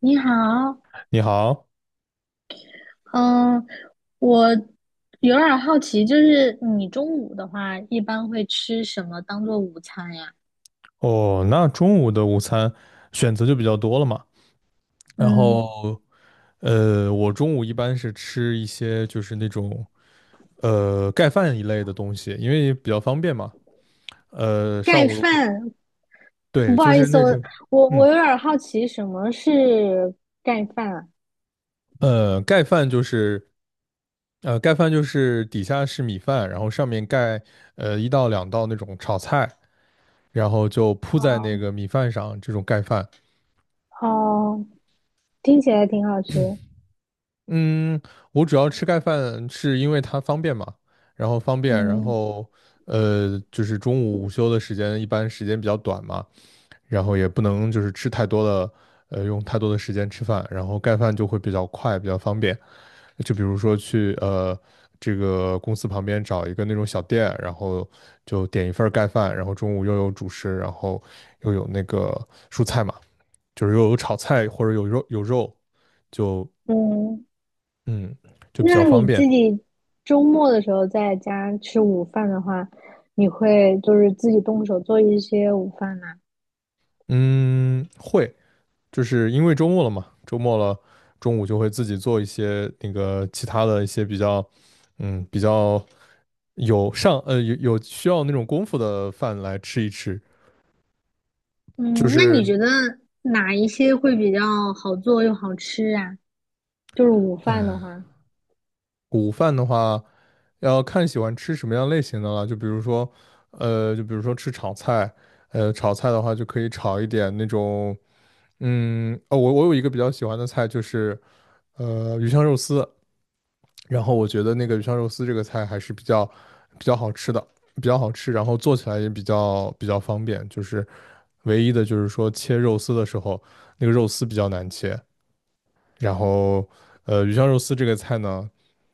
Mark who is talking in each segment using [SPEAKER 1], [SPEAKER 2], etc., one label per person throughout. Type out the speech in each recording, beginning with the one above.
[SPEAKER 1] 你好。
[SPEAKER 2] 你好。
[SPEAKER 1] 嗯，我有点儿好奇，就是你中午的话，一般会吃什么当做午餐呀？
[SPEAKER 2] 哦，那中午的午餐选择就比较多了嘛。然
[SPEAKER 1] 嗯。
[SPEAKER 2] 后，我中午一般是吃一些就是那种盖饭一类的东西，因为比较方便嘛。呃，上
[SPEAKER 1] 盖
[SPEAKER 2] 午的工
[SPEAKER 1] 饭？
[SPEAKER 2] 对，
[SPEAKER 1] 不
[SPEAKER 2] 就
[SPEAKER 1] 好意
[SPEAKER 2] 是
[SPEAKER 1] 思，
[SPEAKER 2] 那
[SPEAKER 1] 我
[SPEAKER 2] 种，
[SPEAKER 1] 我
[SPEAKER 2] 嗯，
[SPEAKER 1] 我有点儿好奇，什么是盖饭啊？
[SPEAKER 2] 盖饭就是盖饭就是底下是米饭，然后上面盖一到两道那种炒菜，然后就铺在那
[SPEAKER 1] 哦
[SPEAKER 2] 个米饭上，这种盖饭。
[SPEAKER 1] 哦，听起来挺好吃。
[SPEAKER 2] 嗯，我主要吃盖饭是因为它方便嘛，然后方便，然
[SPEAKER 1] 嗯。
[SPEAKER 2] 后就是中午午休的时间一般时间比较短嘛，然后也不能就是吃太多的，用太多的时间吃饭，然后盖饭就会比较快，比较方便。就比如说去这个公司旁边找一个那种小店，然后就点一份儿盖饭，然后中午又有主食，然后又有那个蔬菜嘛，就是又有炒菜或者有肉，就
[SPEAKER 1] 嗯，
[SPEAKER 2] 嗯就比
[SPEAKER 1] 那
[SPEAKER 2] 较方
[SPEAKER 1] 你
[SPEAKER 2] 便。
[SPEAKER 1] 自己周末的时候在家吃午饭的话，你会就是自己动手做一些午饭吗？
[SPEAKER 2] 嗯，会，就是因为周末了嘛，周末了，中午就会自己做一些那个其他的一些比较，嗯，比较有上有需要那种功夫的饭来吃一吃。
[SPEAKER 1] 嗯，
[SPEAKER 2] 就
[SPEAKER 1] 那你
[SPEAKER 2] 是
[SPEAKER 1] 觉得哪一些会比较好做又好吃啊？就是午饭的话，
[SPEAKER 2] 午饭的话，要看喜欢吃什么样类型的了，就比如说，就比如说吃炒菜，炒菜的话就可以炒一点那种，嗯，哦，我有一个比较喜欢的菜就是鱼香肉丝。然后我觉得那个鱼香肉丝这个菜还是比较好吃的，比较好吃，然后做起来也比较方便。就是唯一的就是说切肉丝的时候，那个肉丝比较难切。然后鱼香肉丝这个菜呢，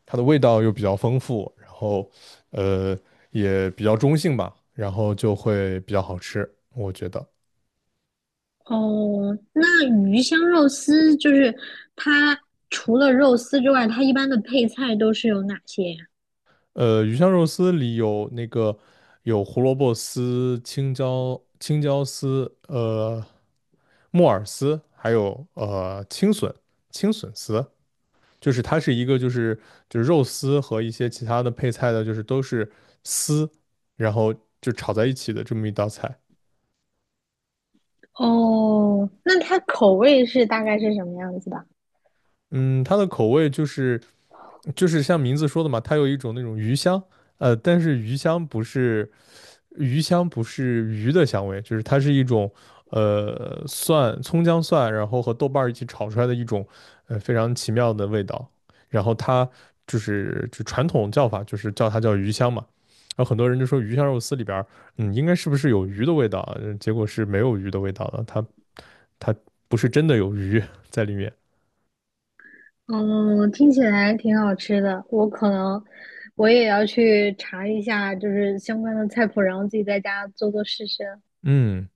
[SPEAKER 2] 它的味道又比较丰富，然后呃也比较中性吧，然后就会比较好吃，我觉得。
[SPEAKER 1] 哦，那鱼香肉丝就是它除了肉丝之外，它一般的配菜都是有哪些呀？
[SPEAKER 2] 鱼香肉丝里有那个有胡萝卜丝、青椒丝，木耳丝，还有青笋、青笋丝，就是它是一个就是肉丝和一些其他的配菜的，就是都是丝，然后就炒在一起的这么一道菜。
[SPEAKER 1] 哦，那它口味是大概是什么样子的？
[SPEAKER 2] 嗯，它的口味就是就是像名字说的嘛，它有一种那种鱼香，呃，但是鱼香不是鱼的香味，就是它是一种蒜、葱姜蒜，然后和豆瓣儿一起炒出来的一种非常奇妙的味道。然后它就是就传统叫法就是叫它叫鱼香嘛。然后很多人就说鱼香肉丝里边儿嗯，应该是不是有鱼的味道啊？结果是没有鱼的味道的，它不是真的有鱼在里面。
[SPEAKER 1] 嗯，听起来挺好吃的，我可能我也要去查一下，就是相关的菜谱，然后自己在家做做试试。
[SPEAKER 2] 嗯，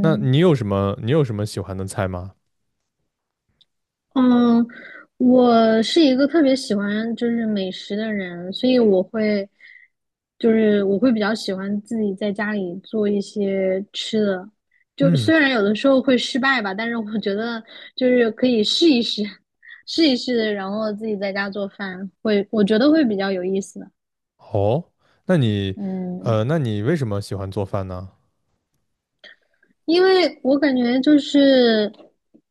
[SPEAKER 2] 那你有什么喜欢的菜吗？
[SPEAKER 1] 嗯，我是一个特别喜欢就是美食的人，所以我会比较喜欢自己在家里做一些吃的，就
[SPEAKER 2] 嗯，
[SPEAKER 1] 虽然有的时候会失败吧，但是我觉得就是可以试一试，试一试，然后自己在家做饭会，我觉得会比较有意思的。
[SPEAKER 2] 哦，那你
[SPEAKER 1] 嗯，
[SPEAKER 2] 那你为什么喜欢做饭呢？
[SPEAKER 1] 因为我感觉就是，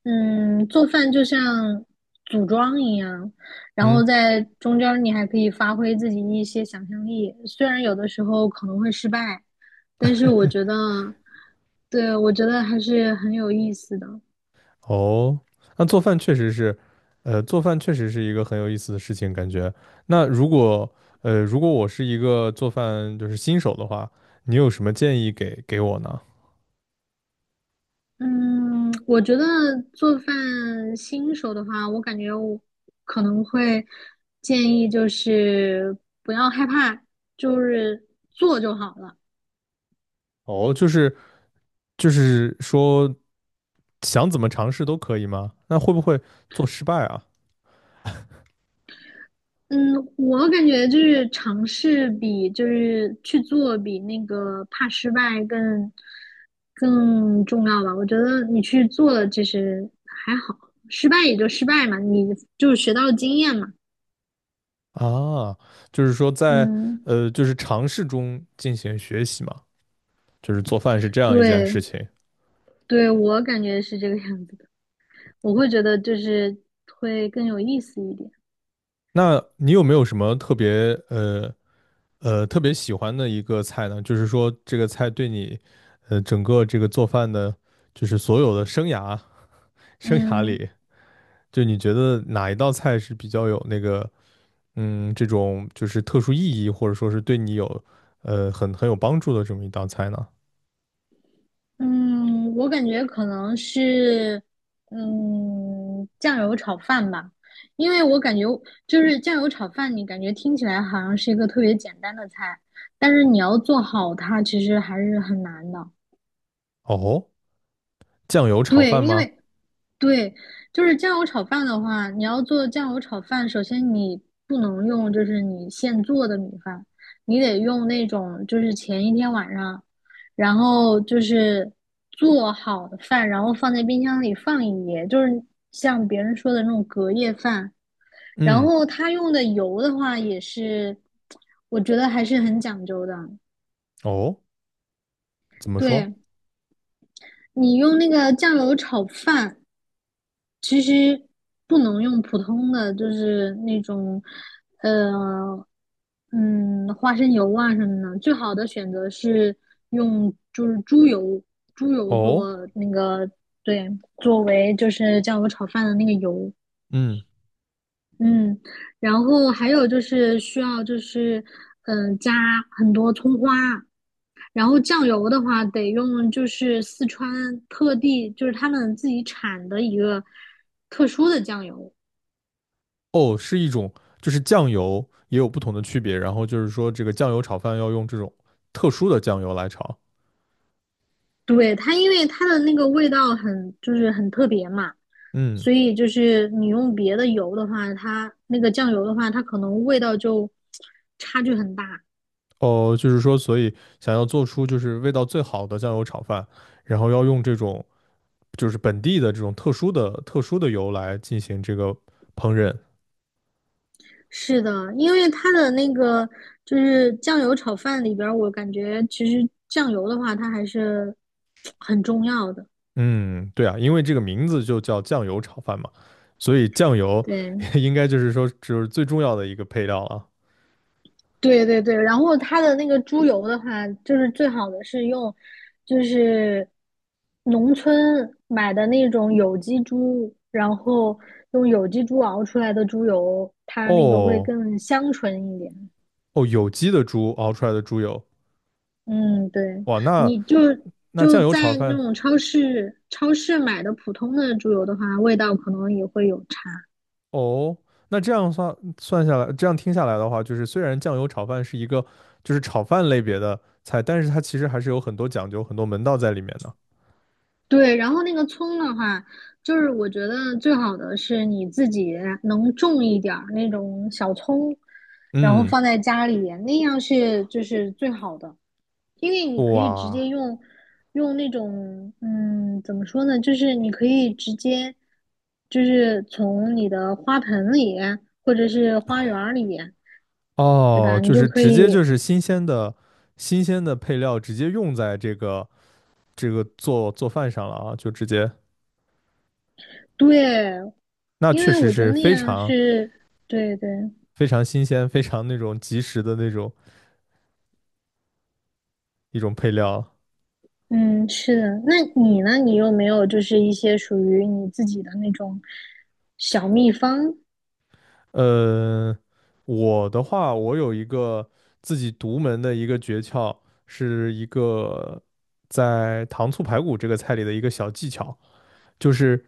[SPEAKER 1] 做饭就像组装一样，然后
[SPEAKER 2] 嗯，
[SPEAKER 1] 在中间儿你还可以发挥自己一些想象力，虽然有的时候可能会失败，但是我觉得，对，我觉得还是很有意思的。
[SPEAKER 2] 哦，那做饭确实是，做饭确实是一个很有意思的事情，感觉。那如果，如果我是一个做饭就是新手的话，你有什么建议给我呢？
[SPEAKER 1] 嗯，我觉得做饭新手的话，我感觉我可能会建议就是不要害怕，就是做就好了。
[SPEAKER 2] 哦，就是说想怎么尝试都可以吗？那会不会做失败啊？
[SPEAKER 1] 嗯，我感觉就是尝试比就是去做比那个怕失败更重要吧。我觉得你去做了其实还好，失败也就失败嘛，你就学到了经验嘛。
[SPEAKER 2] 啊，就是说在
[SPEAKER 1] 嗯，
[SPEAKER 2] 就是尝试中进行学习嘛，就是做饭是这样一件
[SPEAKER 1] 对
[SPEAKER 2] 事情。
[SPEAKER 1] 对，我感觉是这个样子的。我会觉得就是会更有意思一点。
[SPEAKER 2] 那你有没有什么特别特别喜欢的一个菜呢？就是说这个菜对你整个这个做饭的，就是所有的生涯
[SPEAKER 1] 嗯。
[SPEAKER 2] 里，就你觉得哪一道菜是比较有那个嗯这种就是特殊意义，或者说是对你有很有帮助的这么一道菜呢？
[SPEAKER 1] 嗯，我感觉可能是，酱油炒饭吧。因为我感觉就是酱油炒饭，你感觉听起来好像是一个特别简单的菜，但是你要做好它，其实还是很难的。
[SPEAKER 2] 哦，酱油炒
[SPEAKER 1] 对，
[SPEAKER 2] 饭
[SPEAKER 1] 因
[SPEAKER 2] 吗？
[SPEAKER 1] 为对，就是酱油炒饭的话，你要做酱油炒饭，首先你不能用就是你现做的米饭，你得用那种就是前一天晚上，然后就是做好的饭，然后放在冰箱里放一夜，就是像别人说的那种隔夜饭。然
[SPEAKER 2] 嗯，
[SPEAKER 1] 后他用的油的话，也是我觉得还是很讲究的。
[SPEAKER 2] 哦，怎么说？
[SPEAKER 1] 对，你用那个酱油炒饭，其实不能用普通的，就是那种，呃，嗯，花生油啊什么的。最好的选择是用就是猪油，猪油做
[SPEAKER 2] 哦，
[SPEAKER 1] 那个，对，作为就是酱油炒饭的那个油。
[SPEAKER 2] 嗯，
[SPEAKER 1] 嗯，然后还有就是需要就是，加很多葱花，然后酱油的话，得用就是四川特地就是他们自己产的一个特殊的酱油。
[SPEAKER 2] 哦，是一种，就是酱油也有不同的区别，然后就是说这个酱油炒饭要用这种特殊的酱油来炒。
[SPEAKER 1] 对，它因为它的那个味道很就是很特别嘛，
[SPEAKER 2] 嗯，
[SPEAKER 1] 所以就是你用别的油的话，它那个酱油的话，它可能味道就差距很大。
[SPEAKER 2] 哦，就是说，所以想要做出就是味道最好的酱油炒饭，然后要用这种就是本地的这种特殊的油来进行这个烹饪。
[SPEAKER 1] 是的，因为它的那个就是酱油炒饭里边儿，我感觉其实酱油的话，它还是很重要的。
[SPEAKER 2] 嗯，对啊，因为这个名字就叫酱油炒饭嘛，所以酱油
[SPEAKER 1] 对。
[SPEAKER 2] 应该就是说就是最重要的一个配料了。
[SPEAKER 1] 对对对，然后它的那个猪油的话，就是最好的是用，就是农村买的那种有机猪，然后用有机猪熬出来的猪油，它那个会
[SPEAKER 2] 哦，
[SPEAKER 1] 更香醇一点。
[SPEAKER 2] 哦，有机的猪熬出来的猪油，
[SPEAKER 1] 嗯，对，
[SPEAKER 2] 哇，那
[SPEAKER 1] 你就
[SPEAKER 2] 那
[SPEAKER 1] 就
[SPEAKER 2] 酱油炒
[SPEAKER 1] 在那
[SPEAKER 2] 饭。
[SPEAKER 1] 种超市买的普通的猪油的话，味道可能也会有差。
[SPEAKER 2] 哦，那这样算下来，这样听下来的话，就是虽然酱油炒饭是一个就是炒饭类别的菜，但是它其实还是有很多讲究、很多门道在里面的。
[SPEAKER 1] 对，然后那个葱的话，就是我觉得最好的是你自己能种一点儿那种小葱，然后
[SPEAKER 2] 嗯，
[SPEAKER 1] 放在家里，那样是就是最好的，因为你可以直
[SPEAKER 2] 哇，
[SPEAKER 1] 接用用那种怎么说呢，就是你可以直接就是从你的花盆里或者是花园儿里，对
[SPEAKER 2] 哦，
[SPEAKER 1] 吧？你
[SPEAKER 2] 就
[SPEAKER 1] 就
[SPEAKER 2] 是
[SPEAKER 1] 可
[SPEAKER 2] 直接
[SPEAKER 1] 以
[SPEAKER 2] 就是新鲜的配料直接用在这个做饭上了啊，就直接，
[SPEAKER 1] 对，
[SPEAKER 2] 那
[SPEAKER 1] 因
[SPEAKER 2] 确
[SPEAKER 1] 为
[SPEAKER 2] 实
[SPEAKER 1] 我觉得
[SPEAKER 2] 是
[SPEAKER 1] 那
[SPEAKER 2] 非
[SPEAKER 1] 样
[SPEAKER 2] 常
[SPEAKER 1] 是对对。
[SPEAKER 2] 非常新鲜、非常那种及时的那种一种配料。
[SPEAKER 1] 嗯，是的。那你呢？你有没有就是一些属于你自己的那种小秘方？
[SPEAKER 2] 呃，我的话，我有一个自己独门的一个诀窍，是一个在糖醋排骨这个菜里的一个小技巧，就是，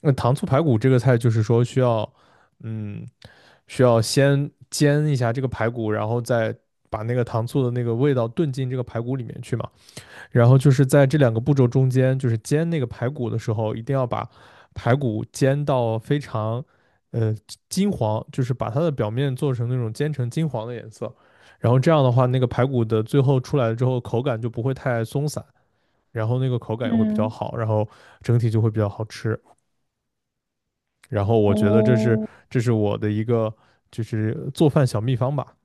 [SPEAKER 2] 那糖醋排骨这个菜就是说需要，嗯，需要先煎一下这个排骨，然后再把那个糖醋的那个味道炖进这个排骨里面去嘛。然后就是在这两个步骤中间，就是煎那个排骨的时候，一定要把排骨煎到非常呃金黄，就是把它的表面做成那种煎成金黄的颜色。然后这样的话，那个排骨的最后出来之后，口感就不会太松散，然后那个口感也会比较
[SPEAKER 1] 嗯。
[SPEAKER 2] 好，然后整体就会比较好吃。然后我觉得
[SPEAKER 1] 哦
[SPEAKER 2] 这是我的一个就是做饭小秘方吧。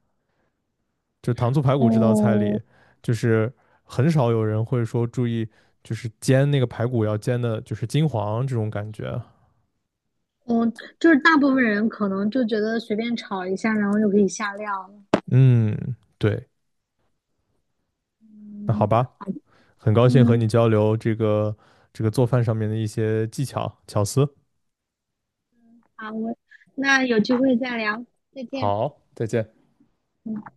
[SPEAKER 2] 就糖醋排骨这道菜
[SPEAKER 1] 哦
[SPEAKER 2] 里，就是很少有人会说注意，就是煎那个排骨要煎的，就是金黄这种感觉。
[SPEAKER 1] 哦，就是大部分人可能就觉得随便炒一下，然后就可以下料了。
[SPEAKER 2] 嗯，对，那好
[SPEAKER 1] 嗯。
[SPEAKER 2] 吧，很高兴和
[SPEAKER 1] 嗯，
[SPEAKER 2] 你交流这个做饭上面的一些技巧巧思。
[SPEAKER 1] 好，我那有机会再聊，再见。
[SPEAKER 2] 好，再见。
[SPEAKER 1] 嗯。